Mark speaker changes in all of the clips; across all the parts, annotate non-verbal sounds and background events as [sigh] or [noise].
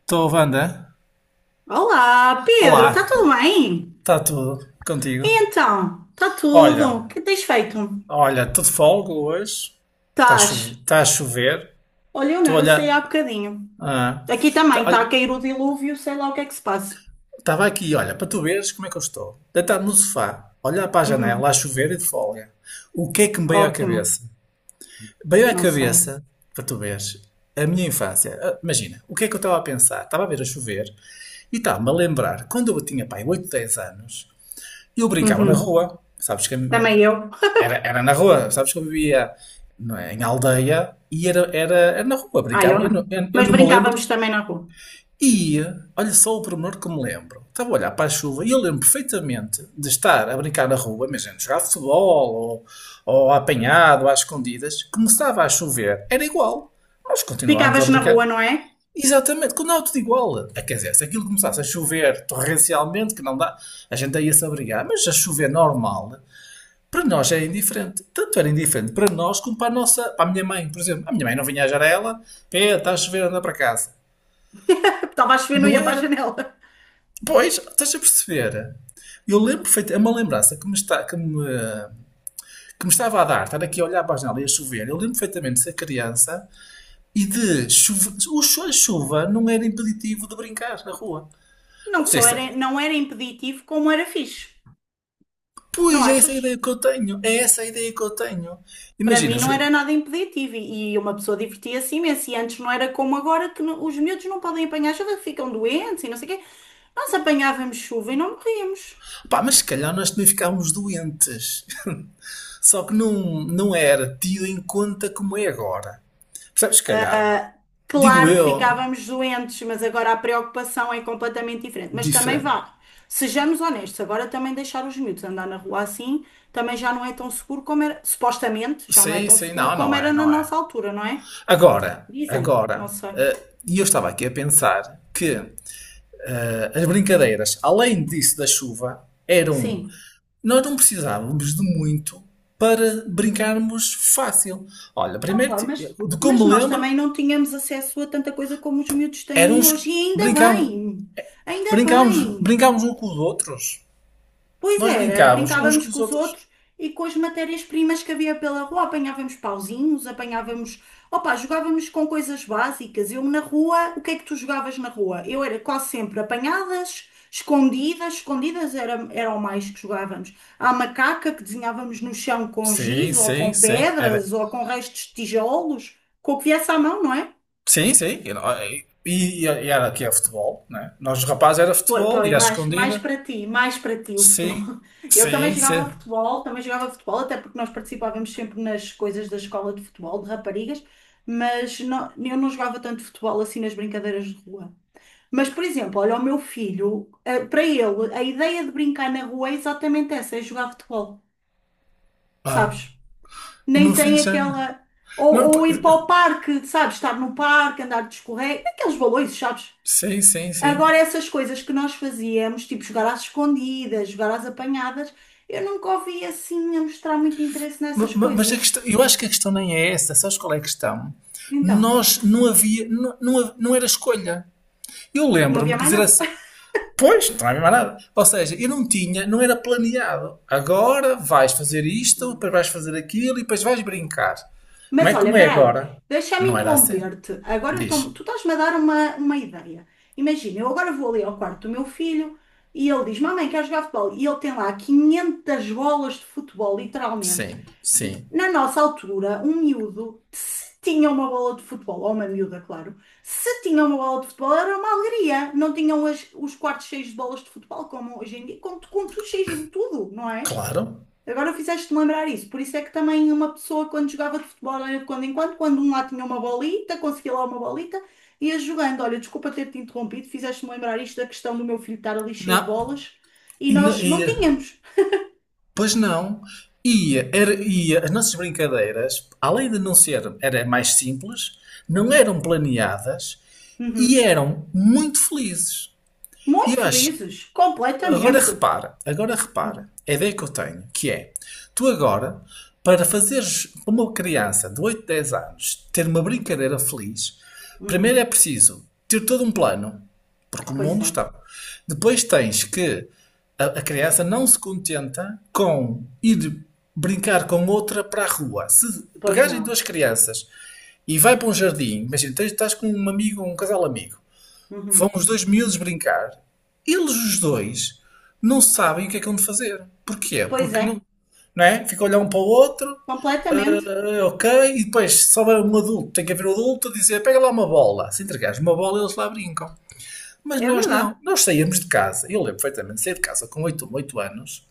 Speaker 1: Estou, Wanda.
Speaker 2: Olá, Pedro, está
Speaker 1: Olá,
Speaker 2: tudo bem?
Speaker 1: está tudo contigo?
Speaker 2: E então, está tudo?
Speaker 1: Olha,
Speaker 2: O que tens feito?
Speaker 1: olha, estou de folga hoje. Está a
Speaker 2: Estás?
Speaker 1: chover, tá a chover.
Speaker 2: Olha, eu não,
Speaker 1: Estou a
Speaker 2: eu saí
Speaker 1: olhar.
Speaker 2: há bocadinho.
Speaker 1: Ah,
Speaker 2: Aqui também está
Speaker 1: olha,
Speaker 2: a cair o dilúvio, sei lá o que é que se passa.
Speaker 1: estava aqui, olha, para tu veres como é que eu estou. Deitado no sofá, a olhar para a
Speaker 2: Uhum.
Speaker 1: janela, a chover e de folga. O que é que me veio à
Speaker 2: Ótimo,
Speaker 1: cabeça? Veio à
Speaker 2: não sei.
Speaker 1: cabeça, para tu veres, a minha infância. Ah, imagina, o que é que eu estava a pensar? Estava a ver a chover e estava-me a lembrar quando eu tinha, pai, 8, 10 anos. Eu brincava na
Speaker 2: Uhum.
Speaker 1: rua, sabes que a me-
Speaker 2: Também eu.
Speaker 1: era, era na rua, sabes que eu vivia, não é, em aldeia, e era na rua,
Speaker 2: Ah, eu
Speaker 1: brincava. Eu
Speaker 2: não.
Speaker 1: não, eu
Speaker 2: Mas
Speaker 1: não me lembro.
Speaker 2: brincávamos também na rua.
Speaker 1: E olha só o pormenor que me lembro. Estava a olhar para a chuva e eu lembro perfeitamente de estar a brincar na rua, imagina, jogar futebol ou apanhado, às escondidas. Começava a chover, era igual. Nós continuávamos a
Speaker 2: Ficavas na
Speaker 1: brincar.
Speaker 2: rua, não é?
Speaker 1: Exatamente, quando há, tudo igual. Ah, quer dizer, se aquilo começasse a chover torrencialmente, que não dá, a gente ia se abrigar, mas a chover normal, para nós é indiferente. Tanto era indiferente para nós como para a nossa, para a minha mãe, por exemplo. A minha mãe não vinha à janela, é, está a chover, anda para casa.
Speaker 2: [laughs] Estava a chover, não
Speaker 1: Não
Speaker 2: ia para a
Speaker 1: era.
Speaker 2: janela.
Speaker 1: Pois, estás a perceber? Eu lembro perfeitamente, é uma lembrança que me, está, que me estava a dar, estar aqui a olhar para a janela e a chover. Eu lembro perfeitamente de ser criança e de chuva. A chuva não era impeditivo de brincar na rua.
Speaker 2: Não
Speaker 1: Não sei
Speaker 2: só
Speaker 1: se.
Speaker 2: era, não era impeditivo, como era fixe.
Speaker 1: Pois,
Speaker 2: Não
Speaker 1: é essa a
Speaker 2: achas?
Speaker 1: ideia que eu tenho. É essa a ideia que eu tenho.
Speaker 2: Para
Speaker 1: Imagina,
Speaker 2: mim não era nada impeditivo e uma pessoa divertia-se imenso. E antes não era como agora que os miúdos não podem apanhar chuva, que ficam doentes e não sei o quê. Nós apanhávamos chuva e não morríamos.
Speaker 1: pá, mas se calhar nós também ficámos doentes. [laughs] Só que não, não era tido em conta como é agora. Percebes? Se calhar, pá. Digo
Speaker 2: Claro que
Speaker 1: eu,
Speaker 2: ficávamos doentes, mas agora a preocupação é completamente diferente. Mas também
Speaker 1: diferente.
Speaker 2: vá, sejamos honestos, agora também deixar os miúdos andar na rua assim também já não é tão seguro como era, supostamente, já não é
Speaker 1: Sim,
Speaker 2: tão
Speaker 1: sim,
Speaker 2: seguro
Speaker 1: não,
Speaker 2: como
Speaker 1: não é,
Speaker 2: era na
Speaker 1: não é.
Speaker 2: nossa altura, não é?
Speaker 1: Agora,
Speaker 2: Dizem, não
Speaker 1: agora.
Speaker 2: sei.
Speaker 1: E eu estava aqui a pensar que, as brincadeiras, além disso da chuva, eram.
Speaker 2: Sim.
Speaker 1: Nós não precisávamos de muito para brincarmos fácil. Olha, primeiro,
Speaker 2: Opa, mas,
Speaker 1: de
Speaker 2: mas
Speaker 1: como me
Speaker 2: nós
Speaker 1: lembro,
Speaker 2: também não tínhamos acesso a tanta coisa como os miúdos têm
Speaker 1: éramos.
Speaker 2: hoje, e ainda
Speaker 1: Brincávamos,
Speaker 2: bem, ainda
Speaker 1: brincávamos,
Speaker 2: bem.
Speaker 1: brincávamos uns com os outros.
Speaker 2: Pois
Speaker 1: Nós
Speaker 2: era,
Speaker 1: brincávamos uns com
Speaker 2: brincávamos
Speaker 1: os
Speaker 2: com os
Speaker 1: outros.
Speaker 2: outros e com as matérias-primas que havia pela rua. Apanhávamos pauzinhos, apanhávamos. Opa, jogávamos com coisas básicas. Eu na rua, o que é que tu jogavas na rua? Eu era quase sempre apanhadas, escondidas. Escondidas era o mais que jogávamos. À macaca que desenhávamos no chão com
Speaker 1: Sim,
Speaker 2: giz ou
Speaker 1: sim,
Speaker 2: com
Speaker 1: sim. Era,
Speaker 2: pedras ou com restos de tijolos, com o que viesse à mão, não é?
Speaker 1: sim, sim. Era. E era aqui é futebol, né? Nós, os rapazes, era futebol e
Speaker 2: Pois,
Speaker 1: à escondida.
Speaker 2: mais para ti o futebol.
Speaker 1: Sim,
Speaker 2: [laughs] Eu
Speaker 1: sim, sim.
Speaker 2: também jogava futebol, até porque nós participávamos sempre nas coisas da escola de futebol, de raparigas, mas eu não jogava tanto futebol assim nas brincadeiras de rua. Mas, por exemplo, olha, o meu filho, para ele, a ideia de brincar na rua é exatamente essa, é jogar futebol,
Speaker 1: Ah,
Speaker 2: sabes?
Speaker 1: o meu
Speaker 2: Nem
Speaker 1: filho
Speaker 2: tem
Speaker 1: já.
Speaker 2: aquela.
Speaker 1: Não, pois.
Speaker 2: Ou ir para o parque, sabes? Estar no parque, andar de escorrega, aqueles balões, sabes?
Speaker 1: Sim, sim, sim.
Speaker 2: Agora, essas coisas que nós fazíamos, tipo jogar às escondidas, jogar às apanhadas, eu nunca ouvi assim a mostrar muito interesse nessas
Speaker 1: Mas a
Speaker 2: coisas.
Speaker 1: questão, eu acho que a questão nem é essa, sabes qual é a questão?
Speaker 2: Então,
Speaker 1: Nós não havia, não era escolha. Eu
Speaker 2: não
Speaker 1: lembro-me,
Speaker 2: havia
Speaker 1: quer
Speaker 2: mais
Speaker 1: dizer assim, pois, não havia mais nada. Ou seja, eu não tinha, não era planeado. Agora vais fazer isto, depois
Speaker 2: nada.
Speaker 1: vais fazer aquilo e depois vais brincar. Não
Speaker 2: Mas
Speaker 1: é
Speaker 2: olha,
Speaker 1: como é
Speaker 2: peraí,
Speaker 1: agora.
Speaker 2: deixa-me
Speaker 1: Não era assim.
Speaker 2: interromper-te. Agora
Speaker 1: Diz.
Speaker 2: tu estás-me a dar uma ideia. Imagina, eu agora vou ali ao quarto do meu filho e ele diz: Mamãe, quer jogar futebol? E ele tem lá 500 bolas de futebol, literalmente.
Speaker 1: Sim, sim.
Speaker 2: Na nossa altura, um miúdo, se tinha uma bola de futebol, ou uma miúda, claro, se tinha uma bola de futebol era uma alegria. Não tinham os quartos cheios de bolas de futebol, como hoje em dia, com tudo cheios de tudo, não é?
Speaker 1: Claro.
Speaker 2: Agora fizeste-me lembrar isso. Por isso é que também uma pessoa, quando jogava de futebol, era de quando em quando, quando um lá tinha uma bolita, conseguia lá uma bolita, ia jogando. Olha, desculpa ter-te interrompido, fizeste-me lembrar isto da questão do meu filho estar ali cheio de
Speaker 1: Não.
Speaker 2: bolas e
Speaker 1: E, não-
Speaker 2: nós não
Speaker 1: e,
Speaker 2: tínhamos.
Speaker 1: pois não. E as nossas brincadeiras, além de não ser, era mais simples, não eram planeadas e
Speaker 2: Uhum.
Speaker 1: eram muito felizes. E
Speaker 2: Muito
Speaker 1: eu acho.
Speaker 2: felizes,
Speaker 1: Agora
Speaker 2: completamente.
Speaker 1: repara, agora repara,
Speaker 2: Uhum.
Speaker 1: a ideia que eu tenho, que é, tu agora, para fazeres uma criança de 8, 10 anos ter uma brincadeira feliz, primeiro é
Speaker 2: Uhum.
Speaker 1: preciso ter todo um plano, porque o
Speaker 2: Pois
Speaker 1: mundo
Speaker 2: é,
Speaker 1: está. Depois tens que a criança não se contenta com ir brincar com outra para a rua. Se
Speaker 2: pois
Speaker 1: pegarem duas
Speaker 2: não.
Speaker 1: crianças e vai para um jardim, imagina, tens, estás com um amigo, um casal amigo. Vão
Speaker 2: Uhum.
Speaker 1: os dois miúdos brincar. Eles, os dois, não sabem o que é que hão de fazer. Porquê?
Speaker 2: Pois
Speaker 1: Porque
Speaker 2: é,
Speaker 1: não. Não é? Fica a olhar um para o outro,
Speaker 2: completamente.
Speaker 1: ah, ok, e depois, se houver um adulto, tem que haver um adulto a dizer: pega lá uma bola. Se entregares uma bola, eles lá brincam. Mas
Speaker 2: É
Speaker 1: nós
Speaker 2: verdade.
Speaker 1: não. Nós saímos de casa. Eu lembro perfeitamente, saí de casa com oito anos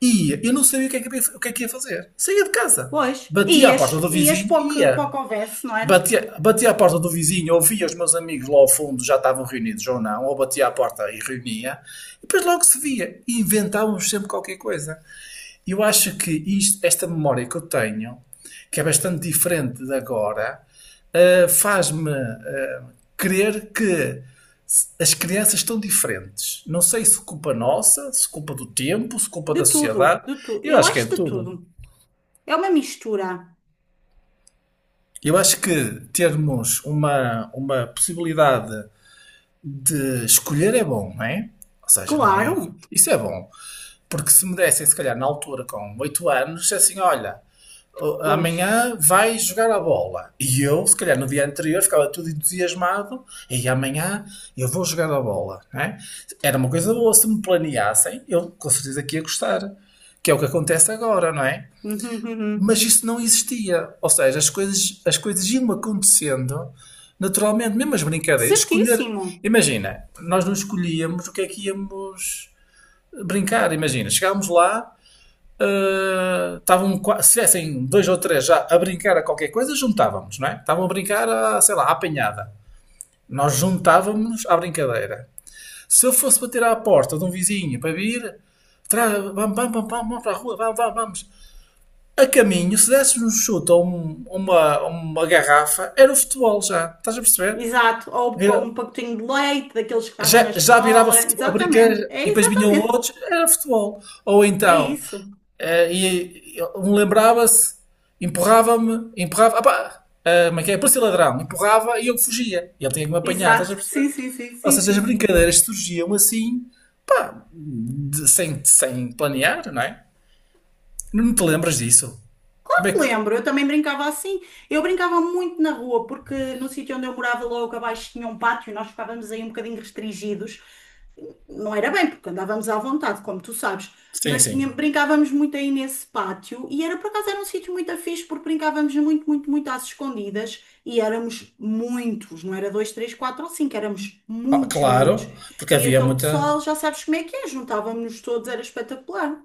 Speaker 1: e eu não sabia o que, é que, o que é que ia fazer. Saía de casa,
Speaker 2: Pois,
Speaker 1: batia à porta do
Speaker 2: ias
Speaker 1: vizinho e
Speaker 2: para o
Speaker 1: ia.
Speaker 2: que houvesse, não era?
Speaker 1: Bati à porta do vizinho, ouvia os meus amigos lá ao fundo, já estavam reunidos ou não, ou batia à porta e reunia, e depois logo se via, e inventávamos sempre qualquer coisa. Eu acho que esta memória que eu tenho, que é bastante diferente de agora, faz-me crer que as crianças estão diferentes. Não sei se culpa nossa, se culpa do tempo, se culpa da
Speaker 2: De
Speaker 1: sociedade,
Speaker 2: tudo, de tudo.
Speaker 1: eu
Speaker 2: Eu
Speaker 1: acho que é
Speaker 2: acho de
Speaker 1: tudo.
Speaker 2: tudo. É uma mistura.
Speaker 1: Eu acho que termos uma possibilidade de escolher é bom, não é? Ou seja, não,
Speaker 2: Claro,
Speaker 1: isso é bom. Porque se me dessem, se calhar, na altura, com 8 anos, assim, olha,
Speaker 2: pois. [laughs]
Speaker 1: amanhã vais jogar a bola. E eu, se calhar, no dia anterior, ficava tudo entusiasmado, e amanhã eu vou jogar a bola, não é? Era uma coisa boa, se me planeassem, eu com certeza que ia gostar. Que é o que acontece agora, não é?
Speaker 2: Uhum,
Speaker 1: Mas
Speaker 2: uhum.
Speaker 1: isso não existia. Ou seja, as coisas iam acontecendo naturalmente, mesmo as brincadeiras. Escolher,
Speaker 2: Certíssimo.
Speaker 1: imagina, nós não escolhíamos o que é que íamos brincar. Imagina, chegámos lá, ah, estavam, se tivessem dois ou três já a brincar a qualquer coisa, juntávamos, não é? Estavam a brincar, a, sei lá, à apanhada. Nós juntávamos à brincadeira. Se eu fosse bater à porta de um vizinho para vir, vamos, vamos, vamos, vamos para a rua, vamos, vamos, vamos a caminho, se desses um chute ou uma garrafa, era o futebol já. Estás a perceber?
Speaker 2: Exato. Ou com
Speaker 1: Vira-
Speaker 2: um pacotinho de leite daqueles que estavam
Speaker 1: Já,
Speaker 2: na
Speaker 1: já virava
Speaker 2: escola.
Speaker 1: futebol, a
Speaker 2: Exatamente.
Speaker 1: brincadeira,
Speaker 2: É
Speaker 1: e depois vinham
Speaker 2: exatamente.
Speaker 1: outros, era futebol. Ou
Speaker 2: É
Speaker 1: então,
Speaker 2: isso.
Speaker 1: um lembrava-se, empurrava-me, empurrava, opá, eh, como é que é? Parecia ladrão, empurrava e eu fugia. E ele tinha que me apanhar, estás a
Speaker 2: Exato.
Speaker 1: perceber?
Speaker 2: Sim, sim, sim,
Speaker 1: Ou
Speaker 2: sim,
Speaker 1: seja, as
Speaker 2: sim, sim.
Speaker 1: brincadeiras surgiam assim, pá, sem planear, não é? Não te lembras disso? Como é
Speaker 2: Porque
Speaker 1: que.
Speaker 2: lembro, eu também brincava assim. Eu brincava muito na rua, porque no sítio onde eu morava logo abaixo tinha um pátio e nós ficávamos aí um bocadinho restringidos. Não era bem, porque andávamos à vontade, como tu sabes,
Speaker 1: Sim,
Speaker 2: mas
Speaker 1: sim.
Speaker 2: brincávamos muito aí nesse pátio e era por acaso era um sítio muito fixe porque brincávamos muito, muito, muito às escondidas e éramos muitos, não era dois, três, quatro ou cinco, éramos
Speaker 1: Ah,
Speaker 2: muitos miúdos.
Speaker 1: claro, porque
Speaker 2: E
Speaker 1: havia
Speaker 2: então o
Speaker 1: muita.
Speaker 2: pessoal, já sabes como é que é, juntávamos-nos todos, era espetacular.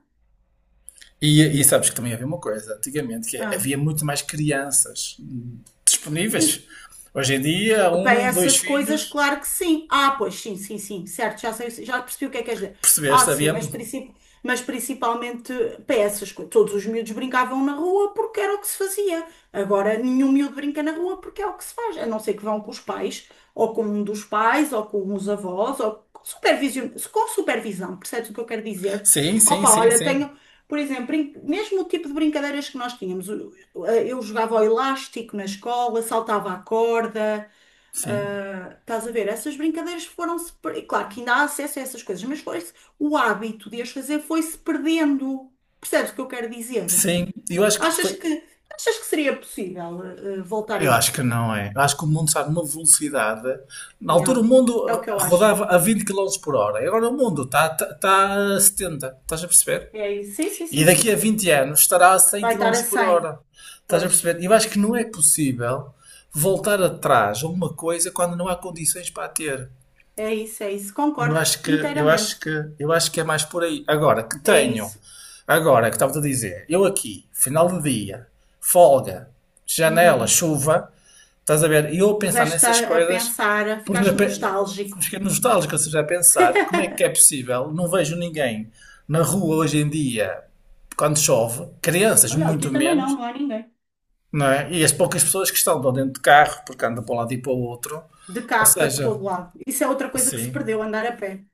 Speaker 1: E sabes que também havia uma coisa, antigamente, que é,
Speaker 2: Ah.
Speaker 1: havia muito mais crianças disponíveis. Hoje em dia,
Speaker 2: Para
Speaker 1: um, dois
Speaker 2: essas coisas,
Speaker 1: filhos,
Speaker 2: claro que sim. Ah, pois sim, sim, sim, certo, já sei, já percebi o que é que queres dizer. Ah,
Speaker 1: percebeste?
Speaker 2: sim,
Speaker 1: Havia.
Speaker 2: mas principalmente para essas coisas. Todos os miúdos brincavam na rua porque era o que se fazia. Agora nenhum miúdo brinca na rua porque é o que se faz, a não ser que vão com os pais, ou com um dos pais, ou com os avós, ou com supervisão, percebes o que eu quero dizer?
Speaker 1: Sim, sim,
Speaker 2: Opa,
Speaker 1: sim,
Speaker 2: olha,
Speaker 1: sim.
Speaker 2: tenho. Por exemplo, mesmo o tipo de brincadeiras que nós tínhamos, eu jogava ao elástico na escola, saltava a corda.
Speaker 1: Sim.
Speaker 2: Estás a ver? Essas brincadeiras foram-se. Claro que ainda há acesso a essas coisas, mas foi o hábito de as fazer foi-se perdendo. Percebes o que eu quero dizer?
Speaker 1: Sim. E eu acho que
Speaker 2: Achas
Speaker 1: foi.
Speaker 2: que, achas que seria possível voltar a
Speaker 1: Eu acho que
Speaker 2: isso?
Speaker 1: não é. Eu acho que o mundo está numa velocidade. Na altura o
Speaker 2: Yeah. É o
Speaker 1: mundo
Speaker 2: que eu acho.
Speaker 1: rodava a 20 km por hora. E agora o mundo está a 70. Estás a perceber?
Speaker 2: É isso. Sim, sim,
Speaker 1: E
Speaker 2: sim, sim,
Speaker 1: daqui a
Speaker 2: sim.
Speaker 1: 20 anos estará a 100
Speaker 2: Vai estar a
Speaker 1: quilómetros por
Speaker 2: 100.
Speaker 1: hora. Estás a
Speaker 2: Pois.
Speaker 1: perceber? Eu acho que não é possível voltar atrás a uma coisa quando não há condições para a ter.
Speaker 2: É isso, é isso.
Speaker 1: Eu
Speaker 2: Concordo
Speaker 1: acho que, eu
Speaker 2: inteiramente.
Speaker 1: acho que, eu acho que é mais por aí. Agora que
Speaker 2: É
Speaker 1: tenho,
Speaker 2: isso.
Speaker 1: agora que estava a dizer, eu aqui, final do dia, folga, janela,
Speaker 2: Uhum.
Speaker 1: chuva, estás a ver? E eu a pensar
Speaker 2: Puseste
Speaker 1: nessas
Speaker 2: a
Speaker 1: coisas,
Speaker 2: pensar,
Speaker 1: por na,
Speaker 2: ficaste
Speaker 1: pe- na-
Speaker 2: nostálgico.
Speaker 1: fiquei nostálgico, ou seja, a pensar como é que é possível, não vejo ninguém na rua hoje em dia, quando chove, crianças
Speaker 2: Olha, aqui
Speaker 1: muito
Speaker 2: também não,
Speaker 1: menos,
Speaker 2: não há ninguém.
Speaker 1: não é? E as poucas pessoas que estão lá dentro de carro, porque andam para um lado e para o outro,
Speaker 2: De
Speaker 1: ou
Speaker 2: carro para todo
Speaker 1: seja,
Speaker 2: lado. Isso é outra coisa que se
Speaker 1: sim.
Speaker 2: perdeu, andar a pé.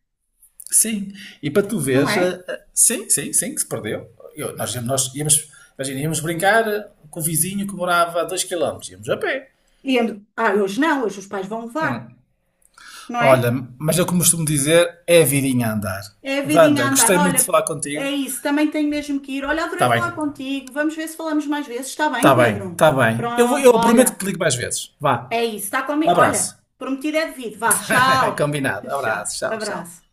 Speaker 1: Sim, e para tu
Speaker 2: Não
Speaker 1: veres,
Speaker 2: é?
Speaker 1: sim, sim, sim, que se perdeu. Nós íamos, imagina, íamos brincar com o vizinho que morava a 2 km, íamos a pé.
Speaker 2: E hoje não, hoje os pais vão levar, não é?
Speaker 1: Olha, mas eu como costumo dizer, é a vidinha a andar.
Speaker 2: É a vidinha
Speaker 1: Wanda,
Speaker 2: a andar,
Speaker 1: gostei muito de
Speaker 2: olha,
Speaker 1: falar contigo.
Speaker 2: é isso, também tenho mesmo que ir. Olha,
Speaker 1: Está
Speaker 2: adorei
Speaker 1: bem,
Speaker 2: falar contigo, vamos ver se falamos mais vezes, está bem,
Speaker 1: está bem,
Speaker 2: Pedro?
Speaker 1: está bem.
Speaker 2: Pronto,
Speaker 1: Eu prometo que
Speaker 2: olha,
Speaker 1: te ligo mais vezes. Vá,
Speaker 2: é isso, está comigo,
Speaker 1: abraço.
Speaker 2: olha, prometido é devido, vá,
Speaker 1: [laughs]
Speaker 2: tchau,
Speaker 1: Combinado,
Speaker 2: [laughs] tchau,
Speaker 1: abraço, tchau, tchau.
Speaker 2: abraço.